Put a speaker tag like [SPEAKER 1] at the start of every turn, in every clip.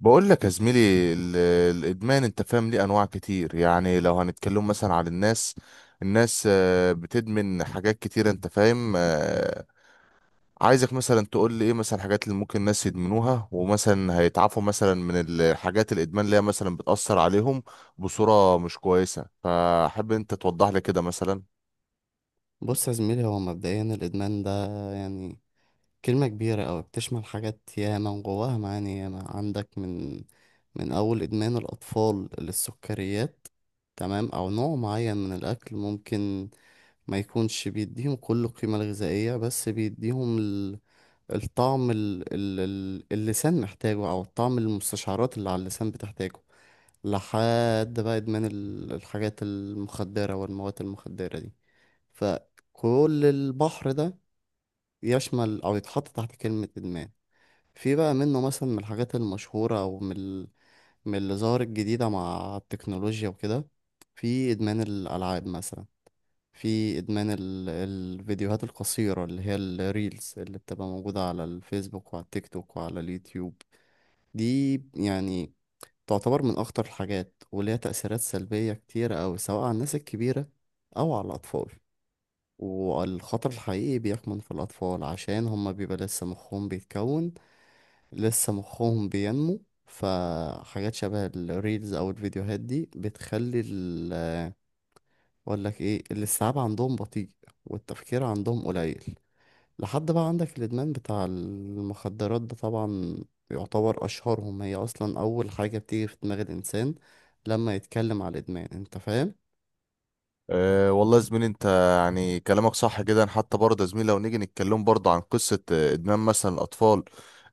[SPEAKER 1] بقول لك يا زميلي، ال- الادمان، انت فاهم، ليه انواع كتير. يعني لو هنتكلم مثلا عن الناس بتدمن حاجات كتير، انت فاهم. عايزك مثلا تقول لي ايه مثلا الحاجات اللي ممكن الناس يدمنوها، ومثلا هيتعافوا مثلا من الحاجات، الادمان اللي هي مثلا بتأثر عليهم بصورة مش كويسة، فحب انت توضح لي كده مثلا.
[SPEAKER 2] بص يا زميلي، هو مبدئيا الإدمان ده يعني كلمة كبيرة أوي، بتشمل حاجات ياما وجواها معاني ياما. عندك من أول إدمان الأطفال للسكريات، تمام؟ أو نوع معين من الأكل ممكن ما يكونش بيديهم كل القيمة الغذائية، بس بيديهم الطعم اللسان محتاجه، أو الطعم المستشعرات اللي على اللسان بتحتاجه. لحد بقى إدمان الحاجات المخدرة والمواد المخدرة دي. فكل البحر ده يشمل أو يتحط تحت كلمة إدمان. في بقى منه مثلا من الحاجات المشهورة، أو من من اللي ظهرت جديدة مع التكنولوجيا وكده. في إدمان الألعاب مثلا، في إدمان الفيديوهات القصيرة اللي هي الريلز، اللي بتبقى موجودة على الفيسبوك وعلى التيك توك وعلى اليوتيوب. دي يعني تعتبر من أخطر الحاجات، وليها تأثيرات سلبية كتيرة أوي، سواء على الناس الكبيرة أو على الأطفال. والخطر الحقيقي بيكمن في الأطفال، عشان هما بيبقى لسه مخهم بيتكون، لسه مخهم بينمو. فحاجات شبه الريلز أو الفيديوهات دي بتخلي ال أقول لك إيه، الاستيعاب عندهم بطيء والتفكير عندهم قليل. لحد بقى عندك الإدمان بتاع المخدرات ده، طبعا يعتبر أشهرهم، هي أصلا أول حاجة بتيجي في دماغ الإنسان لما يتكلم على الإدمان. أنت فاهم؟
[SPEAKER 1] أه والله يا زميلي، انت يعني كلامك صح جدا. حتى برضه يا زميلي لو نيجي نتكلم برضه عن قصة ادمان مثلا الاطفال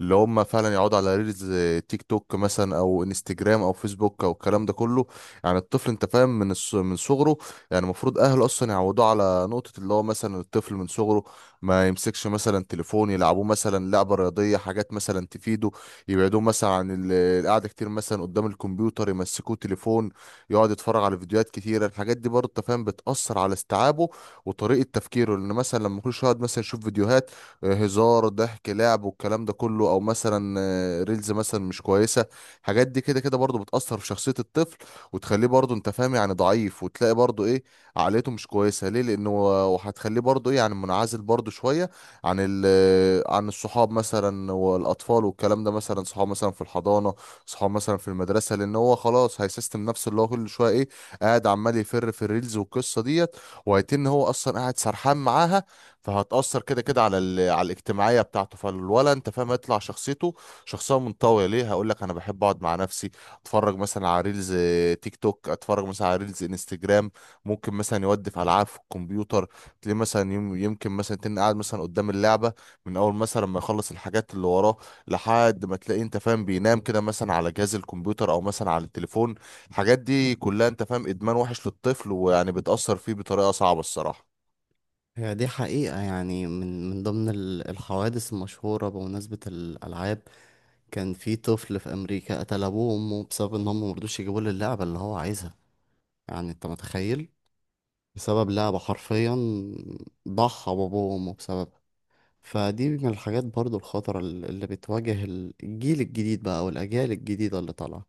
[SPEAKER 1] اللي هم فعلا يقعدوا على ريلز، تيك توك مثلا، او انستجرام او فيسبوك او الكلام ده كله. يعني الطفل انت فاهم من من صغره، يعني المفروض اهله اصلا يعودوه على نقطة، اللي هو مثلا الطفل من صغره ما يمسكش مثلا تليفون، يلعبوه مثلا لعبة رياضية، حاجات مثلا تفيده، يبعدوه مثلا عن القعدة كتير مثلا قدام الكمبيوتر، يمسكوه تليفون يقعد يتفرج على فيديوهات كتيرة. الحاجات دي برضه أنت فاهم بتأثر على استيعابه وطريقة تفكيره، لأن مثلا لما كل شوية يقعد مثلا يشوف فيديوهات هزار ضحك لعب والكلام ده كله، أو مثلا ريلز مثلا مش كويسة، الحاجات دي كده كده برضه بتأثر في شخصية الطفل، وتخليه برضه أنت فاهم يعني ضعيف، وتلاقي برضه إيه، عقليته مش كويسة ليه، لأنه وهتخليه برضه إيه يعني منعزل برضه شوية عن ال آه، عن الصحاب مثلا والأطفال والكلام ده، مثلا صحاب مثلا في الحضانة، صحاب مثلا في المدرسه، لان هو خلاص هيسيستم نفسه، اللي هو كل شويه ايه، قاعد عمال يفر في الريلز والقصه ديت، وهيتن هو اصلا قاعد سرحان معاها. فهتاثر كده كده على على الاجتماعيه بتاعته، فالولا انت فاهم هيطلع شخصيته شخصيه منطويه، ليه، هقول لك انا بحب اقعد مع نفسي، اتفرج مثلا على ريلز، تيك توك، اتفرج مثلا على ريلز انستجرام، ممكن مثلا يودف العاب في الكمبيوتر، تلاقيه مثلا يمكن مثلا تن قاعد مثلا قدام اللعبه، من اول مثلا ما يخلص الحاجات اللي وراه، لحد ما تلاقيه انت فاهم بينام كده مثلا على جهاز الكمبيوتر او مثلا على التليفون. الحاجات دي كلها انت فاهم ادمان وحش للطفل، ويعني بتأثر فيه بطريقة صعبة الصراحة.
[SPEAKER 2] هي دي حقيقة، يعني من ضمن الحوادث المشهورة، بمناسبة الألعاب كان في طفل في أمريكا قتل أبوه وأمه بسبب إن هم مرضوش يجيبوا له اللعبة اللي هو عايزها. يعني أنت متخيل؟ بسبب لعبة حرفيا ضحى بأبوه وأمه بسببها. فدي من الحاجات برضو الخطرة اللي بتواجه الجيل الجديد بقى والأجيال الجديدة اللي طالعة.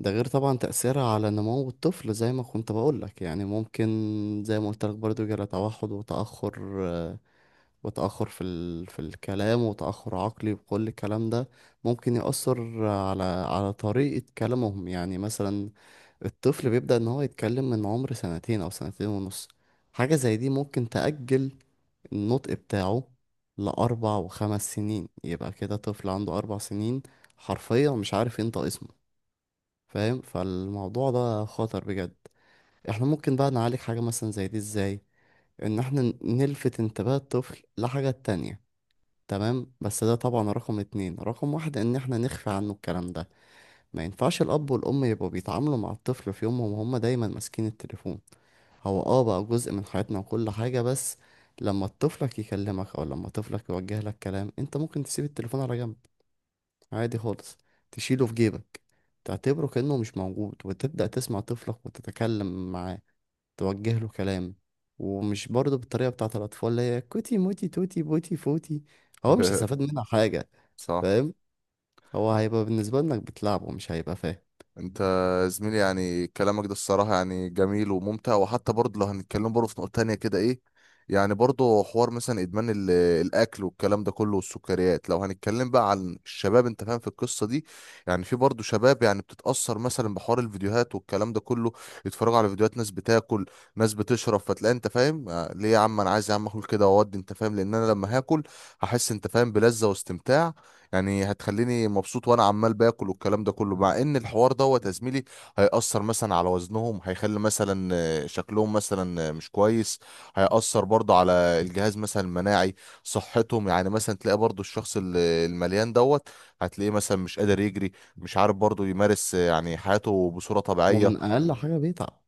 [SPEAKER 2] ده غير طبعا تأثيرها على نمو الطفل، زي ما كنت بقولك، يعني ممكن زي ما قلت لك برضو يجرى توحد وتأخر، وتأخر في في الكلام، وتأخر عقلي، وكل الكلام ده ممكن يأثر على طريقة كلامهم. يعني مثلا الطفل بيبدأ إن هو يتكلم من عمر سنتين أو سنتين ونص، حاجة زي دي ممكن تأجل النطق بتاعه لأربع وخمس سنين. يبقى كده طفل عنده 4 سنين حرفيا مش عارف ينطق اسمه، فاهم؟ فالموضوع ده خطر بجد. احنا ممكن بقى نعالج حاجة مثلا زي دي ازاي؟ إن احنا نلفت انتباه الطفل لحاجة تانية، تمام، بس ده طبعا رقم اتنين. رقم واحد ان احنا نخفي عنه الكلام ده. ما ينفعش الاب والام يبقوا بيتعاملوا مع الطفل في يومهم وهم دايما ماسكين التليفون. هو اه، بقى جزء من حياتنا وكل حاجة، بس لما طفلك يكلمك، او لما طفلك يوجه لك كلام، انت ممكن تسيب التليفون على جنب عادي خالص، تشيله في جيبك، تعتبره كأنه مش موجود، وتبدأ تسمع طفلك وتتكلم معاه، توجه له كلام. ومش برضه بالطريقة بتاعت الأطفال اللي هي كوتي موتي توتي بوتي فوتي، هو مش هيستفاد منها حاجة،
[SPEAKER 1] صح.
[SPEAKER 2] فاهم؟ هو هيبقى بالنسبة لك بتلعبه، مش هيبقى فاهم.
[SPEAKER 1] انت زميلي يعني كلامك ده الصراحة يعني جميل وممتع. وحتى برضه لو هنتكلم برضه في نقطة تانية كده ايه، يعني برضه حوار مثلا ادمان الاكل والكلام ده كله والسكريات. لو هنتكلم بقى عن الشباب انت فاهم في القصة دي، يعني في برضه شباب يعني بتتأثر مثلا بحوار الفيديوهات والكلام ده كله، يتفرجوا على فيديوهات ناس بتاكل ناس بتشرب، فتلاقي انت فاهم ليه يا عم، انا عايز يا عم اكل كده واودي، انت فاهم، لان انا لما هاكل هحس انت فاهم بلذة واستمتاع، يعني هتخليني مبسوط وانا عمال باكل والكلام ده كله. مع ان الحوار دوت يا زميلي هيأثر مثلا على وزنهم، هيخلي مثلا شكلهم مثلا مش كويس، هيأثر برضه على الجهاز مثلا المناعي، صحتهم، يعني مثلا تلاقي برضه الشخص المليان دوت هتلاقيه مثلا مش قادر يجري، مش عارف برضه يمارس يعني حياته بصورة طبيعية.
[SPEAKER 2] ومن أقل حاجة بيتعب.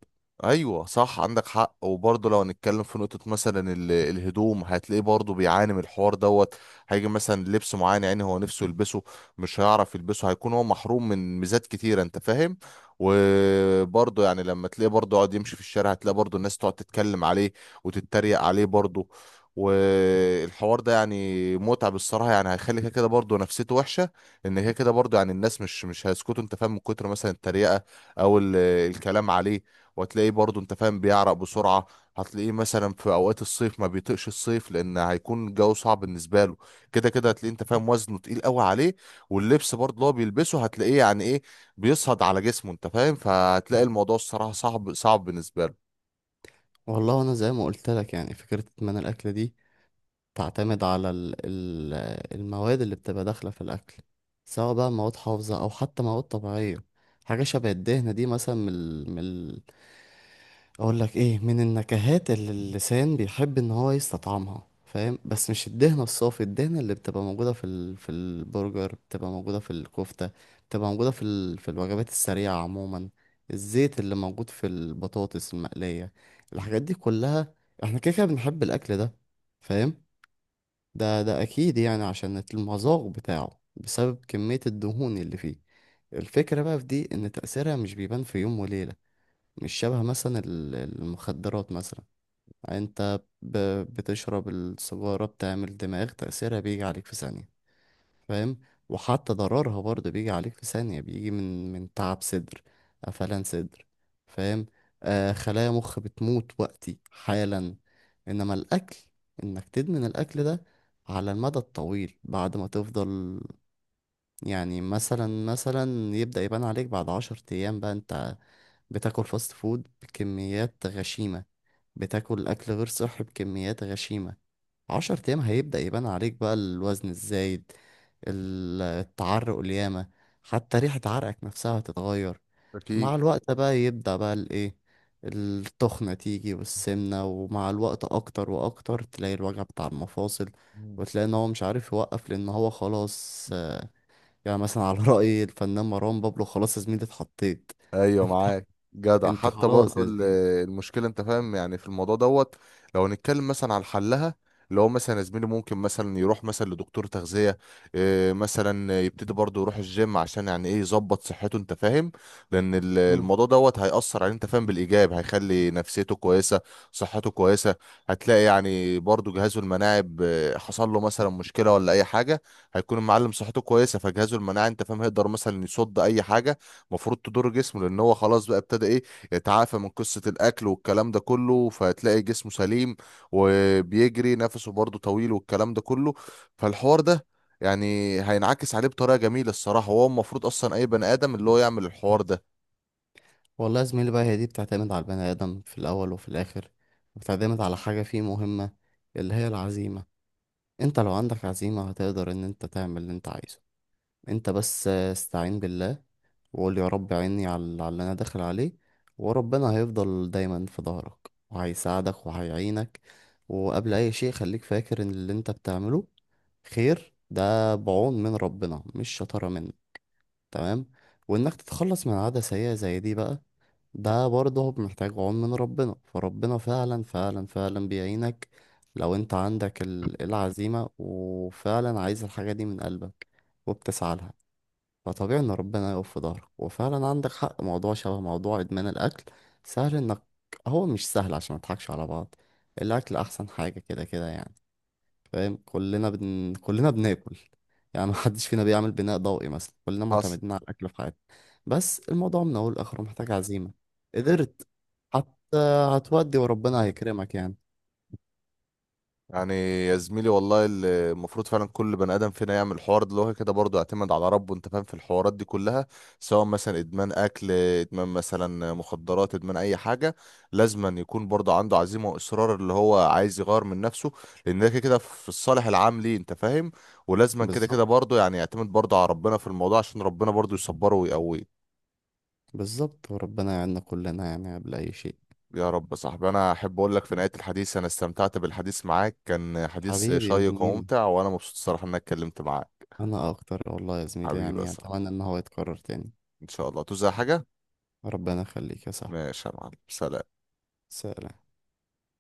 [SPEAKER 1] ايوه صح، عندك حق. وبرضه لو هنتكلم في نقطه مثلا الهدوم، هتلاقيه برضه بيعاني من الحوار دوت، هيجي مثلا لبس معين يعني هو نفسه يلبسه، مش هيعرف يلبسه، هيكون هو محروم من ميزات كتيره انت فاهم. وبرضه يعني لما تلاقيه برضه يقعد يمشي في الشارع، هتلاقي برضه الناس تقعد تتكلم عليه وتتريق عليه برضه، والحوار ده يعني متعب الصراحه، يعني هيخلي كده كده برضه نفسيته وحشه، ان كده كده برضه يعني الناس مش هيسكتوا انت فاهم من كتر مثلا التريقه او الكلام عليه. وهتلاقيه برضو انت فاهم بيعرق بسرعة، هتلاقيه مثلا في اوقات الصيف ما بيطيقش الصيف، لان هيكون الجو صعب بالنسبة له، كده كده هتلاقيه انت فاهم وزنه تقيل قوي عليه، واللبس برضو اللي هو بيلبسه هتلاقيه يعني ايه، بيصهد على جسمه انت فاهم. فهتلاقي الموضوع الصراحة صعب صعب بالنسبة له.
[SPEAKER 2] والله أنا زي ما قلت لك، يعني فكرة إدمان الأكل دي تعتمد على المواد اللي بتبقى داخلة في الأكل، سواء بقى مواد حافظة أو حتى مواد طبيعية. حاجة شبه الدهنة دي مثلا من من اقول لك ايه، من النكهات اللي اللسان بيحب ان هو يستطعمها، فاهم؟ بس مش الدهنة الصافي، الدهنة اللي بتبقى موجودة في في البرجر، بتبقى موجودة في الكفتة، بتبقى موجودة في في الوجبات السريعة عموما، الزيت اللي موجود في البطاطس المقلية، الحاجات دي كلها. احنا كده كده بنحب الاكل ده، فاهم؟ ده اكيد، يعني عشان المذاق بتاعه بسبب كمية الدهون اللي فيه. الفكرة بقى في دي ان تأثيرها مش بيبان في يوم وليلة، مش شبه مثلا المخدرات مثلا. انت بتشرب السجارة، بتعمل دماغ، تأثيرها بيجي عليك في ثانية، فاهم؟ وحتى ضررها برضه بيجي عليك في ثانية، بيجي من تعب صدر، قفلان صدر، فاهم؟ آه، خلايا مخ بتموت وقتي حالا. انما الاكل، انك تدمن الاكل ده على المدى الطويل، بعد ما تفضل، يعني مثلا يبدأ يبان عليك بعد 10 أيام. بقى أنت بتاكل فاست فود بكميات غشيمة، بتاكل أكل غير صحي بكميات غشيمة، 10 أيام هيبدأ يبان عليك بقى الوزن الزايد، التعرق الياما، حتى ريحة عرقك نفسها هتتغير. مع الوقت بقى يبدأ بقى الإيه، التخنة تيجي
[SPEAKER 1] أكيد.
[SPEAKER 2] والسمنة، ومع الوقت أكتر وأكتر تلاقي الوجع بتاع المفاصل، وتلاقي إن هو مش عارف يوقف لأن هو خلاص. يعني مثلا على رأي الفنان مروان بابلو، خلاص يا زميلي، اتحطيت.
[SPEAKER 1] ايوه
[SPEAKER 2] انت،
[SPEAKER 1] معاك، جدع.
[SPEAKER 2] انت
[SPEAKER 1] حتى
[SPEAKER 2] خلاص
[SPEAKER 1] برضو
[SPEAKER 2] يا زميلي.
[SPEAKER 1] المشكله انت فاهم يعني في الموضوع دوت، لو هنتكلم مثلا على حلها، اللي هو مثلا يا زميلي ممكن مثلا يروح مثلا لدكتور تغذيه، مثلا يبتدي برضو يروح الجيم، عشان يعني ايه يظبط صحته انت فاهم، لان
[SPEAKER 2] مم.
[SPEAKER 1] الموضوع دوت هيأثر عليه انت فاهم بالايجاب، هيخلي نفسيته كويسه، صحته كويسه. هتلاقي يعني برضو جهازه المناعي، حصل له مثلا مشكله ولا اي حاجه، هيكون المعلم صحته كويسه، فجهازه المناعي انت فاهم هيقدر مثلا يصد اي حاجه المفروض تضر جسمه، لان هو خلاص بقى ابتدى ايه، يتعافى من قصة الاكل والكلام ده كله. فهتلاقي جسمه سليم، وبيجري نفسه برضه طويل والكلام ده كله. فالحوار ده يعني هينعكس عليه بطريقة جميلة الصراحة. وهو المفروض اصلا اي بني ادم اللي هو يعمل الحوار ده.
[SPEAKER 2] والله يا زميلي بقى، هي دي بتعتمد على البني آدم في الأول وفي الآخر، بتعتمد على حاجة فيه مهمة، اللي هي العزيمة. انت لو عندك عزيمة، هتقدر ان انت تعمل اللي انت عايزه. انت بس استعين بالله، وقول يا رب عيني على اللي انا داخل عليه، وربنا هيفضل دايما في ظهرك وهيساعدك وهيعينك. وقبل اي شيء خليك فاكر ان اللي انت بتعمله خير، ده بعون من ربنا مش شطارة منه، تمام؟ وإنك تتخلص من عادة سيئة زي دي بقى، ده برضه محتاج عون من ربنا، فربنا فعلا فعلا فعلا بيعينك لو انت عندك العزيمة، وفعلا عايز الحاجة دي من قلبك وبتسعى لها، فطبيعي ان ربنا يقف في ظهرك. وفعلا عندك حق، موضوع شبه موضوع ادمان الاكل، سهل انك، هو مش سهل عشان ما نضحكش على بعض. الاكل احسن حاجة كده كده يعني، فاهم؟ كلنا بناكل، يعني ما حدش فينا بيعمل بناء ضوئي مثلا، كلنا
[SPEAKER 1] حصل.
[SPEAKER 2] معتمدين على الاكل في حياتنا. بس الموضوع من اول لاخره محتاج عزيمه، قدرت حتى هتودي وربنا هيكرمك يعني.
[SPEAKER 1] يعني يا زميلي والله اللي المفروض فعلا كل بني ادم فينا يعمل الحوار ده، اللي هو كده برضه يعتمد على ربه انت فاهم في الحوارات دي كلها، سواء مثلا ادمان اكل، ادمان مثلا مخدرات، ادمان اي حاجه. لازم أن يكون برضه عنده عزيمه واصرار اللي هو عايز يغير من نفسه، لان ده كده كده في الصالح العام ليه انت فاهم. ولازم كده كده
[SPEAKER 2] بالظبط،
[SPEAKER 1] برضه يعني يعتمد برضه على ربنا في الموضوع، عشان ربنا برضه يصبره ويقويه.
[SPEAKER 2] بالظبط، وربنا يعيننا كلنا يعني قبل اي شيء.
[SPEAKER 1] يا رب. يا صاحبي انا احب اقول لك في نهايه الحديث، انا استمتعت بالحديث معاك، كان حديث
[SPEAKER 2] حبيبي يا
[SPEAKER 1] شيق
[SPEAKER 2] زميلي،
[SPEAKER 1] وممتع، وانا مبسوط الصراحه ان انا اتكلمت معاك.
[SPEAKER 2] انا اكتر والله يا زميلي،
[SPEAKER 1] حبيبي.
[SPEAKER 2] يعني
[SPEAKER 1] صح،
[SPEAKER 2] اتمنى ان هو يتكرر تاني.
[SPEAKER 1] ان شاء الله توزع حاجة.
[SPEAKER 2] ربنا يخليك يا صاحبي.
[SPEAKER 1] ماشي يا معلم، سلام.
[SPEAKER 2] سلام.